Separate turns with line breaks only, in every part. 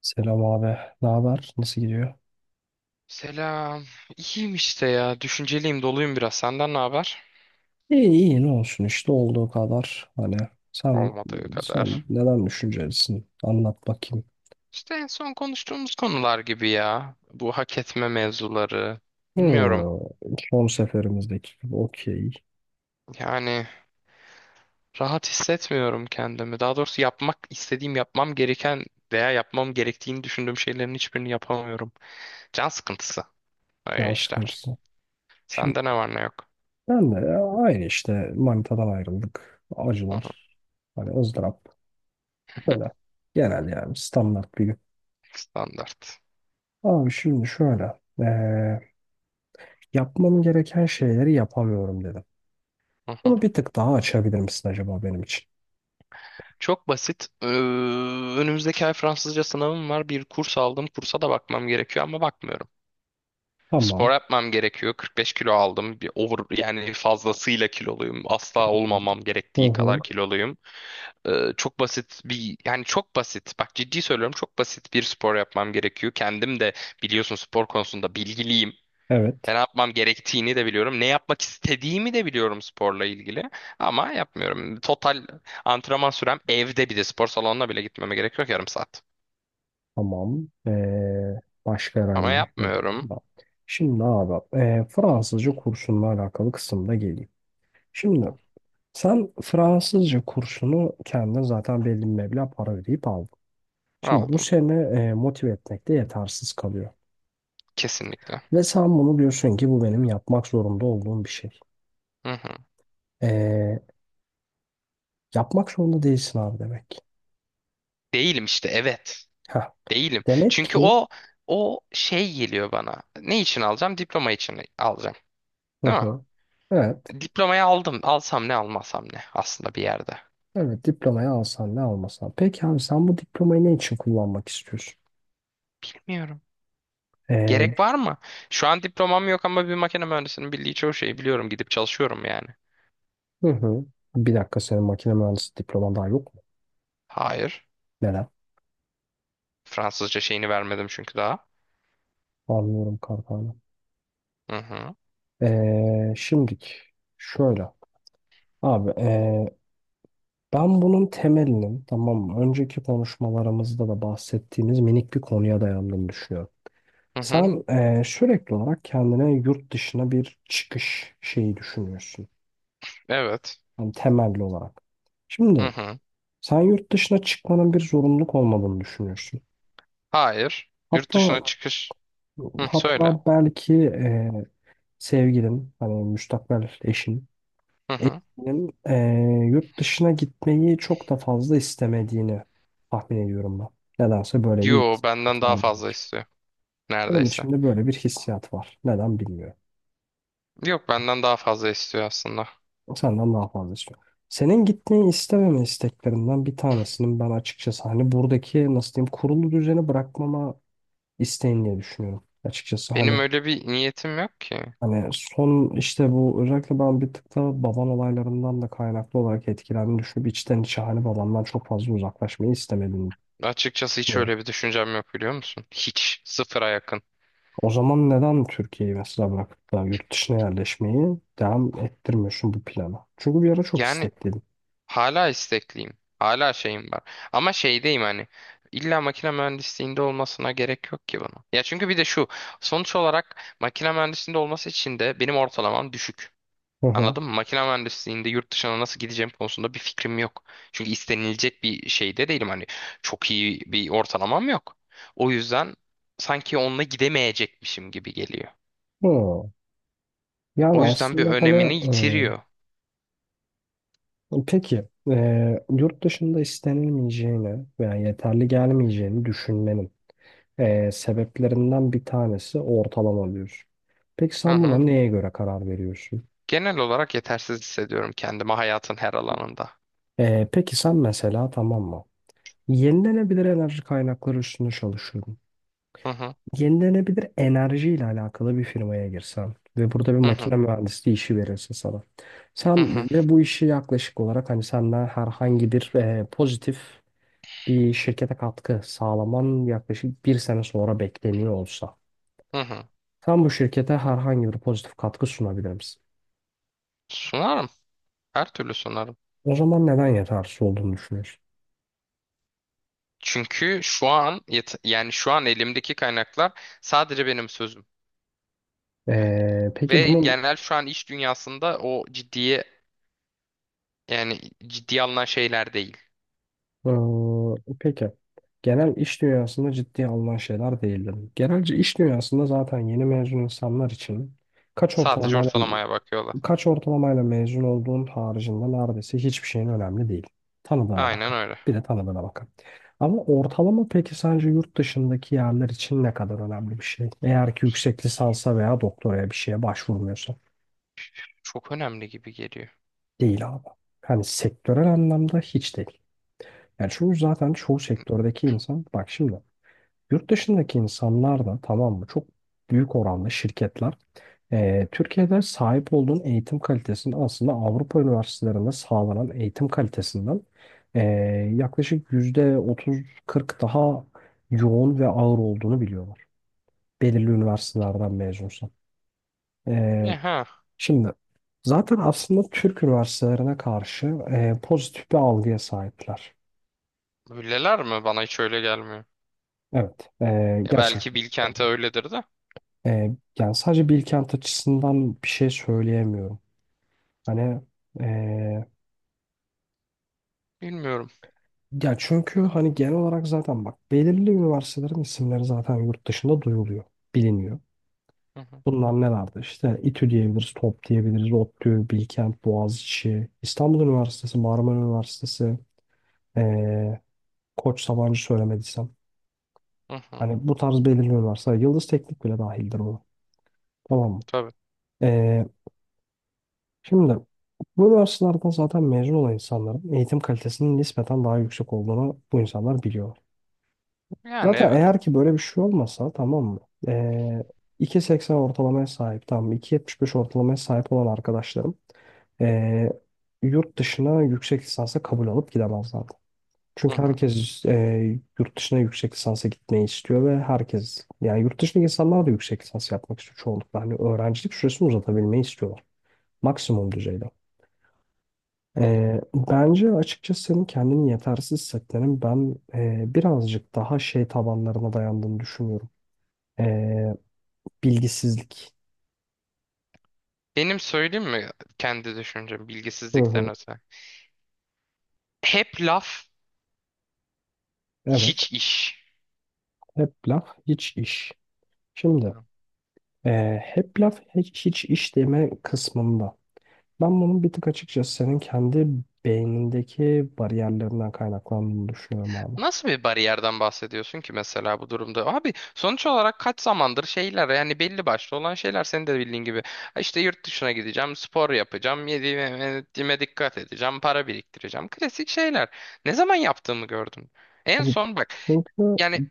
Selam abi. Ne haber? Nasıl gidiyor?
Selam. İyiyim işte ya. Düşünceliyim, doluyum biraz. Senden ne haber?
İyi iyi ne olsun işte olduğu kadar. Hani sen
Olmadığı
sen
kadar.
neden düşüncelisin? Anlat bakayım.
İşte en son konuştuğumuz konular gibi ya. Bu hak etme mevzuları. Bilmiyorum.
Hmm. Son seferimizdeki gibi okey.
Yani rahat hissetmiyorum kendimi. Daha doğrusu yapmak istediğim, yapmam gereken veya yapmam gerektiğini düşündüğüm şeylerin hiçbirini yapamıyorum. Can sıkıntısı. Öyle
Can
işler.
sıkıntısı. Şimdi
Sende ne var ne yok.
ben de ya aynı işte manitadan ayrıldık.
Hı hı.
Acılar. Hani ızdırap. Böyle. Genel yani standart bir gün.
Standart.
Abi şimdi şöyle. Yapmam gereken şeyleri yapamıyorum dedim. Bunu bir tık daha açabilir misin acaba benim için?
Çok basit. Önümüzdeki ay Fransızca sınavım var. Bir kurs aldım. Kursa da bakmam gerekiyor ama bakmıyorum. Spor
Tamam.
yapmam gerekiyor. 45 kilo aldım. Bir over, yani fazlasıyla kiloluyum. Asla olmamam
Hı
gerektiği
hı.
kadar kiloluyum. Ee, çok basit bir yani çok basit. Bak ciddi söylüyorum, çok basit bir spor yapmam gerekiyor. Kendim de biliyorsun, spor konusunda bilgiliyim. Ben
Evet.
ne yapmam gerektiğini de biliyorum. Ne yapmak istediğimi de biliyorum sporla ilgili. Ama yapmıyorum. Total antrenman sürem evde, bir de spor salonuna bile gitmeme gerek yok, yarım saat.
Tamam. Başka
Ama
herhangi bir
yapmıyorum.
problem var? Şimdi abi Fransızca kursunla alakalı kısımda geleyim. Şimdi sen Fransızca kursunu kendine zaten belli bir meblağ para ödeyip aldın. Şimdi bu
Aldım.
seni motive etmekte yetersiz kalıyor.
Kesinlikle.
Ve sen bunu diyorsun ki bu benim yapmak zorunda olduğum bir şey.
Hı hı.
Ee, yapmak zorunda değilsin abi demek.
Değilim işte, evet.
Heh.
Değilim.
Demek
Çünkü
ki.
o şey geliyor bana. Ne için alacağım? Diploma için alacağım.
Hı
Değil mi?
hı. Evet.
Diplomayı aldım. Alsam ne almasam ne aslında bir yerde.
Evet, diplomayı alsan ne almasan. Peki abi sen bu diplomayı ne için kullanmak istiyorsun?
Bilmiyorum. Gerek
Ee,
var mı? Şu an diplomam yok ama bir makine mühendisinin bildiği çoğu şeyi biliyorum. Gidip çalışıyorum yani.
hı hı. Bir dakika, senin makine mühendisi diploman daha yok mu?
Hayır.
Neden?
Fransızca şeyini vermedim çünkü daha.
Anlıyorum kankana.
Hı hı.
Şimdik şöyle. Abi ben bunun temelinin, tamam mı, önceki konuşmalarımızda da bahsettiğimiz minik bir konuya dayandığını düşünüyorum.
Hı hı.
Sen sürekli olarak kendine yurt dışına bir çıkış şeyi düşünüyorsun.
Evet.
Yani temelli olarak.
Hı
Şimdi
hı.
sen yurt dışına çıkmanın bir zorunluluk olmadığını düşünüyorsun.
Hayır. Yurt
Hatta
dışına çıkış. Hı, söyle.
belki sevgilin, hani müstakbel
Hı hı.
eşinin yurt dışına gitmeyi çok da fazla istemediğini tahmin ediyorum ben. Nedense böyle bir
Yo, benden
hissiyat var
daha
benim
fazla
için.
istiyor.
Benim
Neredeyse.
içimde böyle bir hissiyat var. Neden bilmiyorum.
Yok, benden daha fazla istiyor aslında.
Senden daha fazla istiyorum. Senin gitmeyi istememe isteklerinden bir tanesinin ben açıkçası hani buradaki, nasıl diyeyim, kurulu düzeni bırakmama isteğini diye düşünüyorum. Açıkçası
Benim
hani.
öyle bir niyetim yok ki.
Hani son işte bu özellikle ben bir tık da baban olaylarından da kaynaklı olarak etkilendiğini düşünüp içten içe hani babandan çok fazla uzaklaşmayı istemediğini
Açıkçası hiç
düşünüyorum.
öyle bir düşüncem yok, biliyor musun? Hiç. Sıfıra yakın.
O zaman neden Türkiye'yi mesela bırakıp da yurt dışına yerleşmeyi devam ettirmiyorsun bu plana? Çünkü bir ara çok
Yani
istekliydin.
hala istekliyim. Hala şeyim var. Ama şeydeyim hani. İlla makine mühendisliğinde olmasına gerek yok ki bunun. Ya çünkü bir de şu. Sonuç olarak makine mühendisliğinde olması için de benim ortalamam düşük.
Hı hı.
Anladın mı? Makine mühendisliğinde yurt dışına nasıl gideceğim konusunda bir fikrim yok. Çünkü istenilecek bir şeyde değilim. Hani çok iyi bir ortalamam yok. O yüzden sanki onunla gidemeyecekmişim gibi geliyor.
Hı. Yani
O yüzden bir
aslında hani
önemini yitiriyor.
peki yurt dışında istenilmeyeceğini veya yeterli gelmeyeceğini düşünmenin sebeplerinden bir tanesi ortalama diyor. Peki
Hı
sen buna
hı.
neye göre karar veriyorsun?
Genel olarak yetersiz hissediyorum kendimi hayatın her alanında.
Peki sen mesela tamam mı? Yenilenebilir enerji kaynakları üstünde çalışıyorum.
Hı hı.
Yenilenebilir enerji ile alakalı bir firmaya girsen ve burada bir
Hı hı,
makine mühendisliği işi verilse sana.
hı
Sen
hı,
ve bu işi yaklaşık olarak hani senden herhangi bir pozitif bir şirkete katkı sağlaman yaklaşık bir sene sonra bekleniyor olsa.
hı hı.
Sen bu şirkete herhangi bir pozitif katkı sunabilir misin?
Sunarım. Her türlü sunarım.
O zaman neden yetersiz olduğunu düşünüyorsun?
Çünkü şu an yani şu an elimdeki kaynaklar sadece benim sözüm. Yani
Peki
ve
bunun
genel şu an iş dünyasında o ciddiye, yani ciddiye alınan şeyler değil.
peki genel iş dünyasında ciddiye alınan şeyler değildir. Genelce iş dünyasında zaten yeni mezun insanlar için kaç
Sadece
ortalamayla
ortalamaya bakıyorlar.
kaç ortalamayla mezun olduğun haricinde neredeyse hiçbir şeyin önemli değil. Tanıdığına
Aynen
bakar.
öyle.
Bir de tanıdığına bakar. Ama ortalama peki sence yurt dışındaki yerler için ne kadar önemli bir şey? Eğer ki yüksek lisansa veya doktoraya bir şeye başvurmuyorsa.
Çok önemli gibi geliyor.
Değil abi. Hani sektörel anlamda hiç değil. Yani çünkü zaten çoğu sektördeki insan, bak şimdi, yurt dışındaki insanlar da, tamam mı, çok büyük oranda şirketler, Türkiye'de sahip olduğun eğitim kalitesinin aslında Avrupa üniversitelerinde sağlanan eğitim kalitesinden eee, yaklaşık %30-40 daha yoğun ve ağır olduğunu biliyorlar. Belirli üniversitelerden mezunsan.
Ya ha,
Şimdi zaten aslında Türk üniversitelerine karşı pozitif bir algıya sahipler.
öyleler mi? Bana hiç öyle gelmiyor.
Evet,
Ya belki
gerçekten.
Bilkent'e öyledir de
E, yani sadece Bilkent açısından bir şey söyleyemiyorum. Hani e,
bilmiyorum.
ya çünkü hani genel olarak zaten bak belirli üniversitelerin isimleri zaten yurt dışında duyuluyor, biliniyor.
Hı hı,
Bunlar nelerdi? İşte İTÜ diyebiliriz, TOP diyebiliriz, ODTÜ, Bilkent, Boğaziçi, İstanbul Üniversitesi, Marmara Üniversitesi, e, Koç, Sabancı söylemediysem.
hı hı.
Hani bu tarz belirliyorlarsa Yıldız Teknik bile dahildir bu. Tamam mı?
Tabii.
Ee, şimdi bu üniversitelerden zaten mezun olan insanların eğitim kalitesinin nispeten daha yüksek olduğunu bu insanlar biliyor.
Yani
Zaten
evet.
eğer ki böyle bir şey olmasa, tamam mı, Ee, 2.80 ortalamaya sahip, tamam mı, 2.75 ortalamaya sahip olan arkadaşlarım ee, yurt dışına yüksek lisansa kabul alıp gidemezler.
Hı
Çünkü
hı,
herkes yurt dışına yüksek lisansa gitmeyi istiyor ve herkes, yani yurt dışındaki insanlar da, yüksek lisans yapmak istiyor çoğunlukla. Hani öğrencilik süresini uzatabilmeyi istiyorlar. Maksimum düzeyde.
hı.
Bence açıkçası senin kendini yetersiz hissetmenin ben birazcık daha şey tabanlarına dayandığını düşünüyorum. E, bilgisizlik.
Benim söyleyeyim mi kendi düşüncem
Hı
bilgisizlikten
hı.
öte? Hep laf,
Evet.
hiç iş.
Hep laf, hiç iş. Şimdi
Anlıyorum.
hep laf, hiç iş deme kısmında. Ben bunun bir tık açıkçası senin kendi beynindeki bariyerlerinden kaynaklandığını düşünüyorum abi.
Nasıl bir bariyerden bahsediyorsun ki mesela bu durumda? Abi sonuç olarak kaç zamandır şeyler, yani belli başlı olan şeyler senin de bildiğin gibi. Ha, İşte yurt dışına gideceğim, spor yapacağım, yediğime, yediğime dikkat edeceğim, para biriktireceğim. Klasik şeyler. Ne zaman yaptığımı gördün? En
Abi,
son bak,
çünkü
yani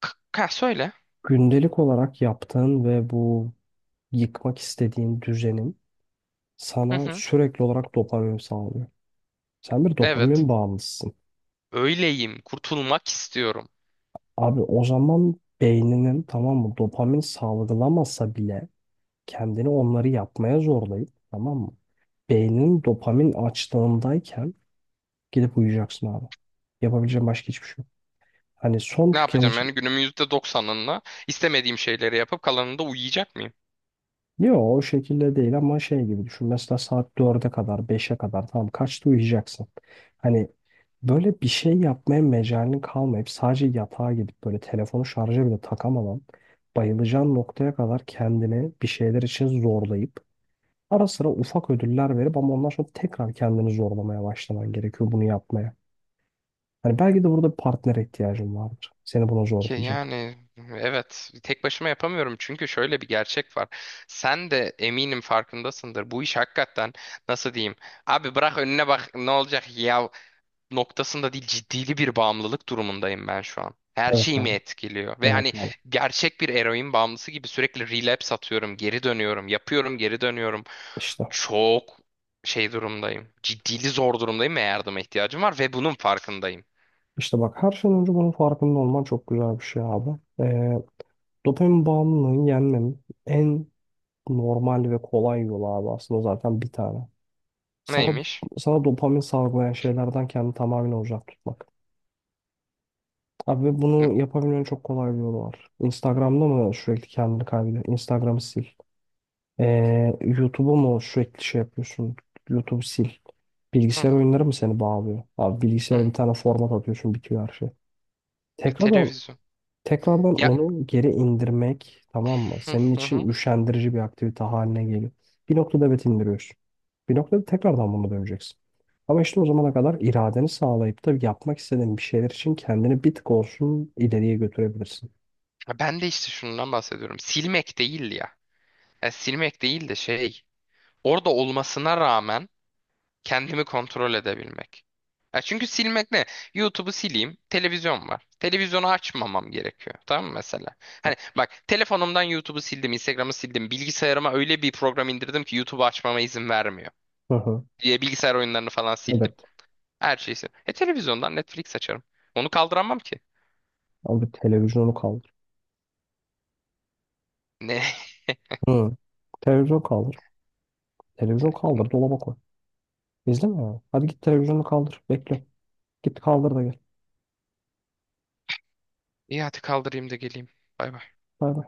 ha, söyle.
gündelik olarak yaptığın ve bu yıkmak istediğin düzenin
Hı
sana
hı.
sürekli olarak dopamin sağlıyor. Sen bir
Evet.
dopamin bağımlısısın.
Öyleyim. Kurtulmak istiyorum.
Abi, o zaman beyninin, tamam mı, dopamin salgılamasa bile kendini onları yapmaya zorlayıp tamam mı? Beyninin dopamin açtığındayken gidip uyuyacaksın abi. Yapabileceğin başka hiçbir şey. Hani son. Tamam.
Ne yapacağım
Tüketici.
yani, günümün %90'ında istemediğim şeyleri yapıp kalanında uyuyacak mıyım?
Yok, o şekilde değil ama şey gibi düşün. Mesela saat dörde kadar, beşe kadar, tamam, kaçta uyuyacaksın? Hani böyle bir şey yapmaya mecalin kalmayıp sadece yatağa gidip böyle telefonu şarja bile takamadan bayılacağın noktaya kadar kendini bir şeyler için zorlayıp ara sıra ufak ödüller verip ama ondan sonra tekrar kendini zorlamaya başlaman gerekiyor bunu yapmaya. Hani belki de burada bir partnere ihtiyacın vardır. Seni buna
Ki
zorlayacak.
yani evet, tek başıma yapamıyorum çünkü şöyle bir gerçek var. Sen de eminim farkındasındır. Bu iş hakikaten nasıl diyeyim? Abi, bırak önüne bak ne olacak ya noktasında değil, ciddili bir bağımlılık durumundayım ben şu an. Her
Evet
şeyimi
abi.
etkiliyor. Ve
Evet
hani
abi.
gerçek bir eroin bağımlısı gibi sürekli relapse atıyorum, geri dönüyorum, yapıyorum, geri dönüyorum.
İşte.
Çok şey durumdayım. Ciddili zor durumdayım ve yardıma ihtiyacım var ve bunun farkındayım.
İşte bak, her şeyden önce bunun farkında olman çok güzel bir şey abi. Ee, dopamin bağımlılığını yenmenin en normal ve kolay yolu abi aslında zaten bir tane. Sana
Neymiş?
sana dopamin salgılayan şeylerden kendini tamamen uzak tutmak. Abi ve
Hı,
bunu yapabilmenin çok kolay bir yolu var. Instagram'da mı sürekli kendini kaybediyorsun? Instagram'ı sil. YouTube'u mu sürekli şey yapıyorsun? YouTube'u sil. Bilgisayar
hı,
oyunları mı seni bağlıyor? Abi
hı.
bilgisayara bir tane format atıyorsun, bitiyor her şey. Tekrar
Televizyon.
Tekrardan
Ya,
onu geri indirmek, tamam mı,
hı,
senin
hı, hı.
için üşendirici bir aktivite haline geliyor. Bir noktada evet indiriyorsun. Bir noktada tekrardan buna döneceksin. Ama işte o zamana kadar iradeni sağlayıp da yapmak istediğin bir şeyler için kendini bir tık olsun ileriye götürebilirsin.
Ya, ben de işte şundan bahsediyorum. Silmek değil ya. Ya silmek değil de şey. Orada olmasına rağmen kendimi kontrol edebilmek. Ya çünkü silmek ne? YouTube'u sileyim, televizyon var. Televizyonu açmamam gerekiyor. Tamam mı mesela? Hani bak, telefonumdan YouTube'u sildim, Instagram'ı sildim. Bilgisayarıma öyle bir program indirdim ki YouTube'u açmama izin vermiyor.
Hı hı.
Diye bilgisayar oyunlarını falan sildim.
Evet.
Her şeyi sildim. Televizyondan Netflix açarım. Onu kaldıramam ki.
Abi televizyonu kaldır.
Ne?
Hı. Televizyon kaldır. Televizyon kaldır. Dolaba koy. İzleme ya. Hadi git televizyonu kaldır. Bekle. Git kaldır da gel.
İyi, hadi kaldırayım da geleyim. Bay bay.
Bay bay.